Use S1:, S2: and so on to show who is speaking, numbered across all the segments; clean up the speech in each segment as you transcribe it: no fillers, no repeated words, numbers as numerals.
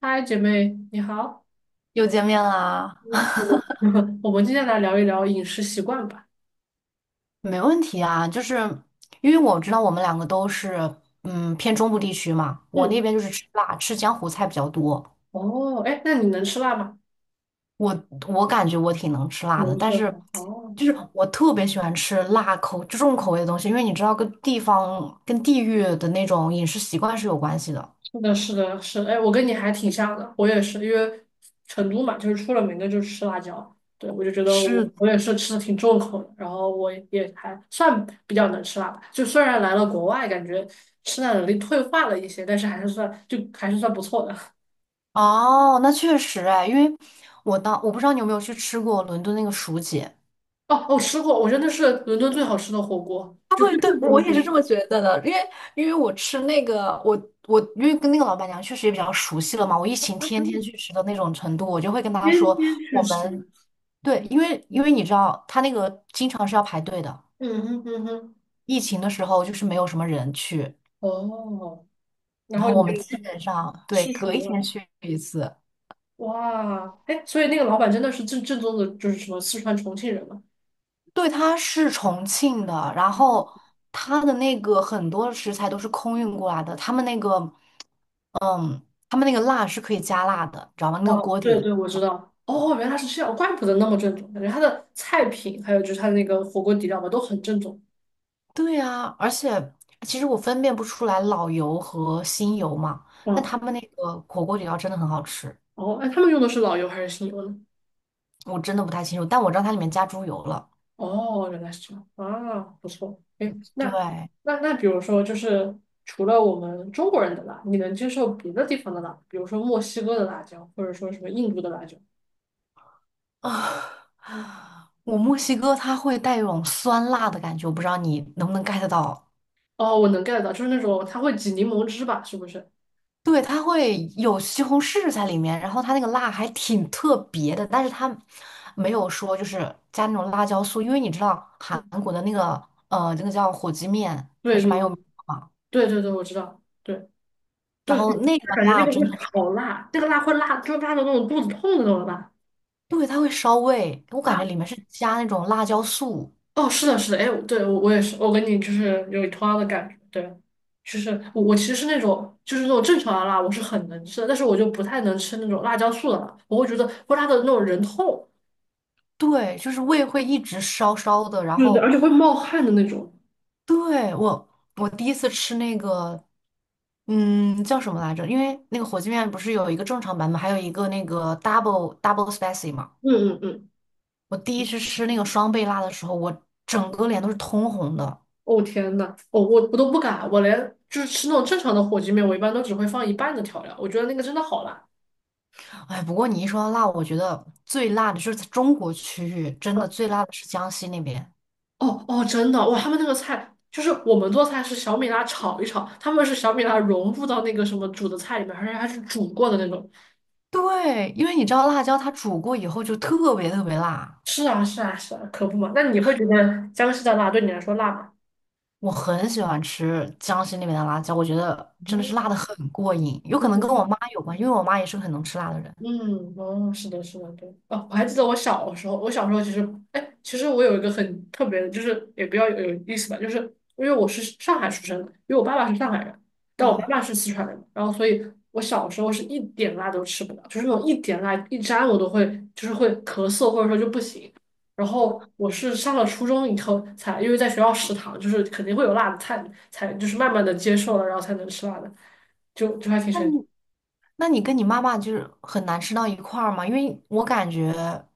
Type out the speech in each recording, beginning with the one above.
S1: 嗨，姐妹，你好。
S2: 又见面啦，
S1: 嗯，我 我们今天来聊一聊饮食习惯吧。
S2: 没问题啊。就是因为我知道我们两个都是偏中部地区嘛，我那
S1: 嗯，
S2: 边就是吃辣，吃江湖菜比较多。
S1: 哦，哎，那你能吃辣吗？
S2: 我感觉我挺能吃辣的，
S1: 能吃
S2: 但
S1: 辣。
S2: 是
S1: 哦，
S2: 就是我特别喜欢吃辣口重口味的东西，因为你知道跟地方跟地域的那种饮食习惯是有关系的。
S1: 是的，是的，是的，哎，我跟你还挺像的，我也是，因为成都嘛，就是出了名的就是吃辣椒。对，我就觉得我
S2: 是的，
S1: 我也是吃的挺重口的，然后我也还算比较能吃辣吧。就虽然来了国外，感觉吃辣能力退化了一些，但是还是算不错的。
S2: 哦，那确实哎，因为我当我不知道你有没有去吃过伦敦那个薯姐。
S1: 哦，我吃过，我真的是伦敦最好吃的火锅，就
S2: 对，
S1: 最
S2: 对，
S1: 正宗的
S2: 我
S1: 火
S2: 也是这么
S1: 锅。
S2: 觉得的，因为我吃那个，我我因为跟那个老板娘确实也比较熟悉了嘛，我疫情天天去吃的那种程度，我就会跟她
S1: 天天
S2: 说，
S1: 去
S2: 我
S1: 吃，
S2: 们对，因为你知道，他那个经常是要排队的，
S1: 嗯哼嗯哼，
S2: 疫情的时候就是没有什么人去，
S1: 哦，然
S2: 然
S1: 后
S2: 后我
S1: 你就
S2: 们基本上对
S1: 吃熟
S2: 隔一天
S1: 了，
S2: 去一次。
S1: 哇，哎，所以那个老板真的是正宗的，就是什么四川重庆人嘛？
S2: 对，他是重庆的，然后他的那个很多食材都是空运过来的，他们那个，嗯，他们那个辣是可以加辣的，你知道吗？那个
S1: 哇，
S2: 锅底
S1: 对
S2: 的。
S1: 对，我知道，哦，原来是这样，怪不得那么正宗，感觉他的菜品还有就是他的那个火锅底料吧，都很正宗。
S2: 对啊，而且其实我分辨不出来老油和新油嘛，但
S1: 嗯，
S2: 他们那个火锅底料真的很好吃，
S1: 哦，哎，他们用的是老油还是新油呢？
S2: 我真的不太清楚，但我知道它里面加猪油了。
S1: 哦，原来是这样啊，不错。哎，那
S2: 对
S1: 那那，比如说，就是除了我们中国人的辣，你能接受别的地方的辣，比如说墨西哥的辣椒，或者说什么印度的辣椒？
S2: 啊，我墨西哥它会带一种酸辣的感觉，我不知道你能不能 get 到。
S1: 哦，我能 get 到，就是那种它会挤柠檬汁吧？是不是？
S2: 对，它会有西红柿在里面，然后它那个辣还挺特别的，但是它没有说就是加那种辣椒素，因为你知道韩国的那个那个叫火鸡面还
S1: 对，
S2: 是
S1: 对，
S2: 蛮
S1: 对，
S2: 有名的嘛。
S1: 对，对，对，我知道。对，对，
S2: 然后
S1: 对，
S2: 那个
S1: 感觉那
S2: 辣
S1: 个
S2: 真
S1: 会
S2: 的是，
S1: 好辣，那个辣会辣，就辣到那种肚子痛的那种辣。
S2: 对，它会烧胃，我感觉里
S1: 啊。
S2: 面是加那种辣椒素，
S1: 哦，是的，是的，哎，对，我也是，我跟你就是有同样的感觉，对，就是我其实是那种正常的辣，我是很能吃的，但是我就不太能吃那种辣椒素的辣，我会觉得会辣的那种人痛，
S2: 对，就是胃会一直烧烧的。然
S1: 对对，而
S2: 后，
S1: 且会冒汗的那种。
S2: 对，我第一次吃那个，嗯，叫什么来着？因为那个火鸡面不是有一个正常版本，还有一个那个 double double spicy 嘛。
S1: 嗯嗯嗯，
S2: 我第一次吃那个双倍辣的时候，我整个脸都是通红的。
S1: 哦天呐，我都不敢，我连就是吃那种正常的火鸡面，我一般都只会放一半的调料，我觉得那个真的好辣。
S2: 哎，不过你一说到辣，我觉得最辣的就是在中国区域，真的
S1: 嗯，
S2: 最辣的是江西那边。
S1: 哦哦，真的哇！他们那个菜就是我们做菜是小米辣炒一炒，他们是小米辣融入到那个什么煮的菜里面，而且还是煮过的那种。
S2: 对，因为你知道辣椒它煮过以后就特别特别辣，
S1: 是啊，是啊，是啊，可不嘛。那你会觉得江西的辣对你来说辣吗？
S2: 我很喜欢吃江西那边的辣椒，我觉得真的是辣的很过瘾，有可能跟我妈有关，因为我妈也是个很能吃辣的人。
S1: 嗯，哦，是的，是的，对，哦，我还记得我小时候，我小时候其实，哎，其实我有一个很特别的，就是也比较有意思吧，就是因为我是上海出生的，因为我爸爸是上海人，但我妈
S2: 哦，
S1: 妈是四川人，然后所以我小时候是一点辣都吃不了，就是那种一点辣一沾我都会就是会咳嗽或者说就不行，然后我是上了初中以后才，因为在学校食堂就是肯定会有辣的菜，才就是慢慢的接受了，然后才能吃辣的，就还挺
S2: 那
S1: 神奇的。
S2: 你那你跟你妈妈就是很难吃到一块儿吗？因为我感觉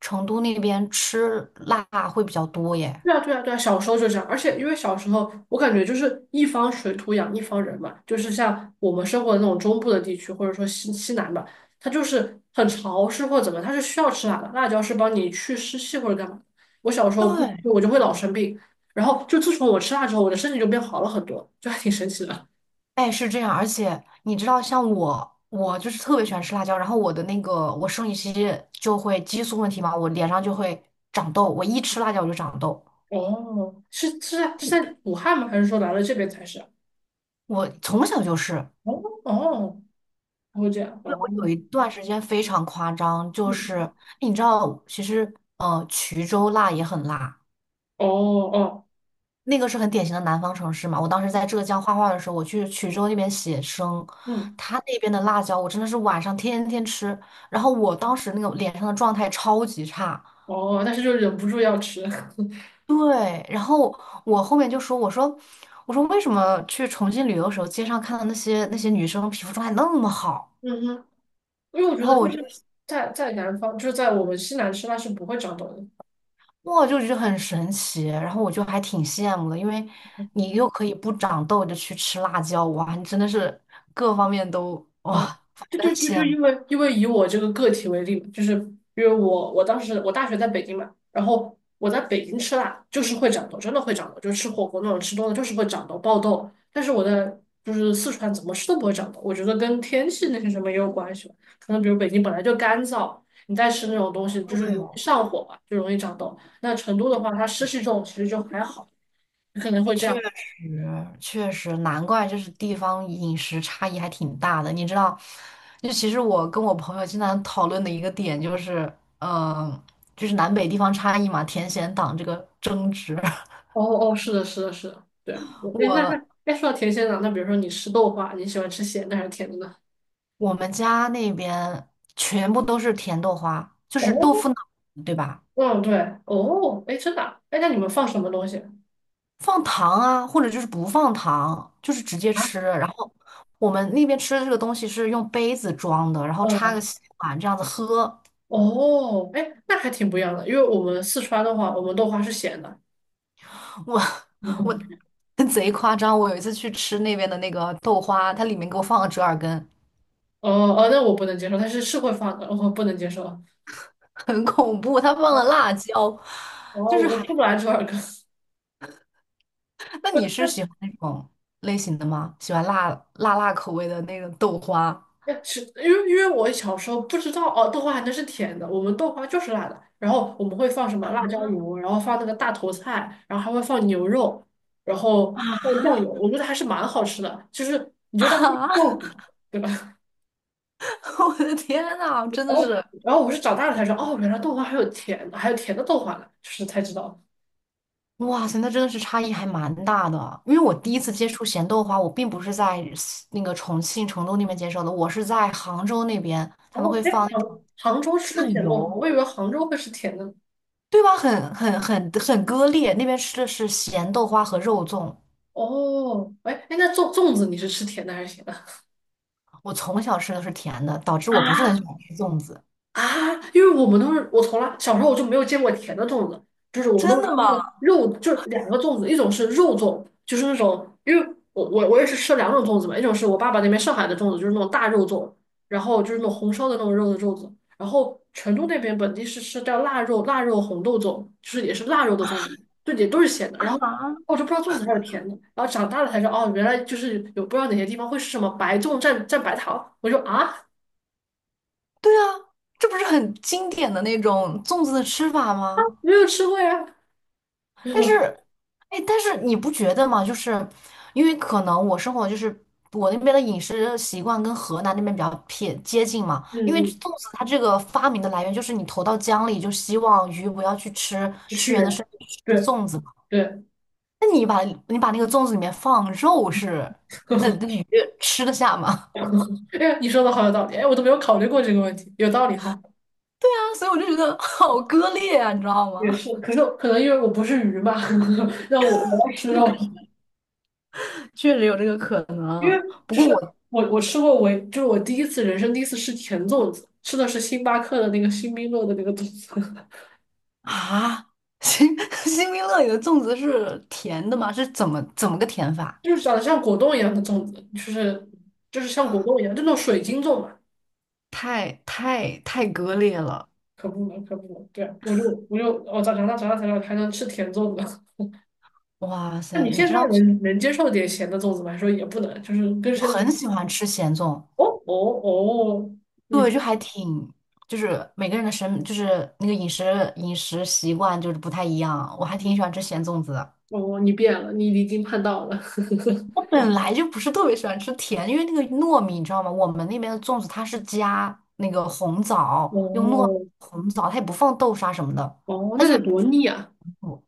S2: 成都那边吃辣会比较多耶。
S1: 对啊，对啊，对啊，小时候就这样，而且因为小时候我感觉就是一方水土养一方人嘛，就是像我们生活的那种中部的地区，或者说西南吧，它就是很潮湿或者怎么，它是需要吃辣的，辣椒是帮你去湿气或者干嘛。我小时候不吃
S2: 对，
S1: 我就会老生病，然后就自从我吃辣之后，我的身体就变好了很多，就还挺神奇的。
S2: 哎，是这样，而且你知道，像我，我就是特别喜欢吃辣椒，然后我的那个我生理期就会激素问题嘛，我脸上就会长痘，我一吃辣椒我就长痘，
S1: 哦，是是在是在武汉吗？还是说来了这边才是？
S2: 我从小就是，
S1: 哦哦，会这样
S2: 对，
S1: 哦，
S2: 我有一段时间非常夸张，就是
S1: 嗯，
S2: 你知道，其实衢州辣也很辣，
S1: 哦哦，
S2: 那个是很典型的南方城市嘛。我当时在浙江画画的时候，我去衢州那边写生，
S1: 嗯。
S2: 他那边的辣椒我真的是晚上天天吃，然后我当时那个脸上的状态超级差。
S1: 哦，但是就忍不住要吃，
S2: 对，然后我后面就说，我说，我说为什么去重庆旅游的时候，街上看到那些那些女生皮肤状态那么好，
S1: 嗯哼，因为我觉
S2: 然后
S1: 得就
S2: 我就
S1: 是在南方，就是在我们西南吃，它是不会长痘的。
S2: 哇，就觉得很神奇，然后我就还挺羡慕的，因为你又可以不长痘的去吃辣椒，哇，你真的是各方面都哇，
S1: 啊，
S2: 反
S1: 就
S2: 正
S1: 就
S2: 很
S1: 就就
S2: 羡慕。
S1: 因为以我这个个体为例嘛，就是因为我当时我大学在北京嘛，然后我在北京吃辣就是会长痘，真的会长痘，就是吃火锅那种吃多了就是会长痘爆痘。但是我在就是四川怎么吃都不会长痘，我觉得跟天气那些什么也有关系吧。可能比如北京本来就干燥，你再吃那种东西就是容易
S2: 对
S1: 上火吧，就容易长痘。那成都的话，它湿气重，其实就还好，可能会。
S2: 确实，确实，难怪就是地方饮食差异还挺大的。你知道，就其实我跟我朋友经常讨论的一个点就是，嗯、就是南北地方差异嘛，甜咸党这个争执。
S1: 哦哦，是的，是的，是的，对。我哎，那
S2: 我
S1: 那哎，说到甜鲜的，那比如说你吃豆花，你喜欢吃咸的还是甜的呢？
S2: 我们家那边全部都是甜豆花，就是豆
S1: 哦，
S2: 腐脑，对吧？
S1: 嗯，对，哦，哎，真的啊，哎，那你们放什么东西？
S2: 放糖啊，或者就是不放糖，就是直接
S1: 啊？
S2: 吃。然后我们那边吃的这个东西是用杯子装的，然后插个
S1: 嗯，
S2: 吸管这样子喝。
S1: 哦，哎，那还挺不一样的，因为我们四川的话，我们豆花是咸的。
S2: 我我
S1: 嗯，
S2: 贼夸张，我有一次去吃那边的那个豆花，它里面给我放了折耳根，
S1: 哦哦，那我不能接受，但是是会放的，我不能接受。
S2: 很恐怖，它放了辣椒，
S1: 哦，
S2: 就是
S1: 我
S2: 还……
S1: 吃不来这玩意
S2: 那
S1: 儿。
S2: 你是喜 欢那种类型的吗？喜欢辣辣口味的那个豆花
S1: 哎，是因为我小时候不知道哦，豆花还能是甜的，我们豆花就是辣的，然后我们会放什么辣椒油，然后放那个大头菜，然后还会放牛肉，然后放酱油，
S2: 啊
S1: 我觉得还是蛮好吃的，就是你就当是
S2: 啊！
S1: 豆腐嘛，对吧？
S2: 我的天呐，
S1: 然
S2: 真的
S1: 后
S2: 是
S1: 然后我是长大了才知道，哦，原来豆花还有甜的，还有甜的豆花呢，就是才知道。
S2: 哇塞，那真的是差异还蛮大的啊。因为我第一次接触咸豆花，我并不是在西那个重庆、成都那边接受的，我是在杭州那边，他
S1: 然
S2: 们
S1: 后
S2: 会
S1: 哎，
S2: 放那
S1: 杭
S2: 种
S1: 杭州吃
S2: 酱
S1: 甜豆花，我以
S2: 油。
S1: 为杭州会吃甜的呢。
S2: 对吧？很割裂，那边吃的是咸豆花和肉粽，
S1: 哦，哎哎，那粽子你是吃甜的还是咸的？
S2: 我从小吃的是甜的，导致 我不是很喜
S1: 啊，
S2: 欢吃粽子。
S1: 啊，因为我们都是我从来小时候我就没有见过甜的粽子，就是我们
S2: 真
S1: 都是
S2: 的
S1: 吃那
S2: 吗？
S1: 个肉，就是两个粽子，一种是肉粽，就是那种，因为我也是吃两种粽子嘛，一种是我爸爸那边上海的粽子，就是那种大肉粽，然后就是那种红烧的那种肉的粽子，然后成都那边本地是吃叫腊肉红豆粽，就是也是腊肉的粽子，对，也都是咸的，然后
S2: 啊，
S1: 我就不知道粽子还有甜的，然后长大了才知道哦，原来就是有不知道哪些地方会是什么白粽蘸蘸白糖，我就啊
S2: 对啊，这不是很经典的那种粽子的吃法吗？
S1: 没有吃过呀。
S2: 但是，哎，但是你不觉得吗？就是因为可能我生活就是我那边的饮食习惯跟河南那边比较偏接近嘛。
S1: 嗯
S2: 因为
S1: 嗯，
S2: 粽子它这个发明的来源就是你投到江里，就希望鱼不要去吃屈原的
S1: 是，
S2: 身体，去吃
S1: 对
S2: 粽子。
S1: 对，
S2: 那你把那个粽子里面放肉是，
S1: 呵
S2: 那
S1: 呵，
S2: 那鱼吃得下吗？
S1: 哎呀，你说的好有道理，哎，我都没有考虑过这个问题，有道理哈。
S2: 啊，所以我就觉得好割裂啊，你知道
S1: 也
S2: 吗？
S1: 是，可是可能因为我不是鱼吧，让我要吃肉，
S2: 确实有这个可
S1: 因为
S2: 能。不
S1: 就
S2: 过
S1: 是
S2: 我
S1: 我吃过我就是我第一次人生第一次吃甜粽子，吃的是星巴克的那个星冰乐的那个粽子，
S2: 啊，新 新冰乐里的粽子是甜的吗？是怎么个甜 法？
S1: 就是长得像果冻一样的粽子，就是像果冻一样，就那种水晶粽嘛，
S2: 太割裂了！
S1: 可不能可不能，对啊，我长大才知道还能吃甜粽子。
S2: 哇
S1: 那
S2: 塞，
S1: 你
S2: 你
S1: 现
S2: 知道
S1: 在能接受点咸的粽子吗？还说也不能，就是根
S2: 我
S1: 深蒂
S2: 很
S1: 固。
S2: 喜欢吃咸粽，
S1: 哦哦
S2: 就是每个人的审就是那个饮食习惯就是不太一样，我还挺喜欢吃咸粽子的。
S1: 哦哦，你变了，你离经叛道了。
S2: 本来就不是特别喜欢吃甜，因为那个糯米，你知道吗？我们那边的粽子它是加那个红 枣，用糯
S1: 哦
S2: 红枣，它也不放豆沙什么的，
S1: 哦哦，
S2: 它
S1: 那
S2: 就
S1: 得多
S2: 本
S1: 腻啊！
S2: 上不，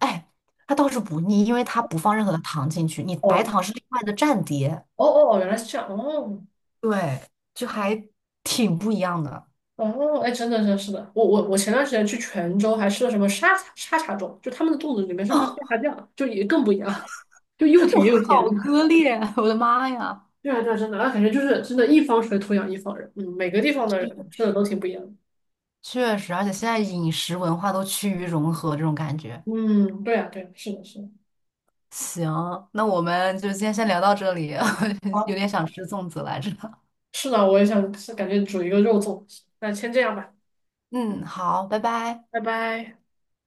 S2: 哎，它倒是不腻，因为它不放任何的糖进去，你白
S1: 哦
S2: 糖是另外的蘸碟，
S1: 哦哦，原来是这样。哦
S2: 对，就还挺不一样的。
S1: 哦，哎，真的真是的。我前段时间去泉州还吃了什么沙茶粽，就他们的粽子里面是放沙茶 酱，就也更不一样，就又
S2: 我
S1: 甜又咸。
S2: 好割 裂，我的妈呀！
S1: 对啊，对啊，真的，那感觉就是真的，一方水土养一方人。嗯，每个地方的人吃的都挺不一样的。
S2: 确实，而且现在饮食文化都趋于融合，这种感觉。
S1: 嗯，对啊，对啊，是的是的。
S2: 行，那我们就今天先聊到这里，有
S1: 好，
S2: 点想吃粽子来着。
S1: 是的，我也想是感觉煮一个肉粽。那先这样吧，
S2: 嗯，好，拜拜。
S1: 拜拜。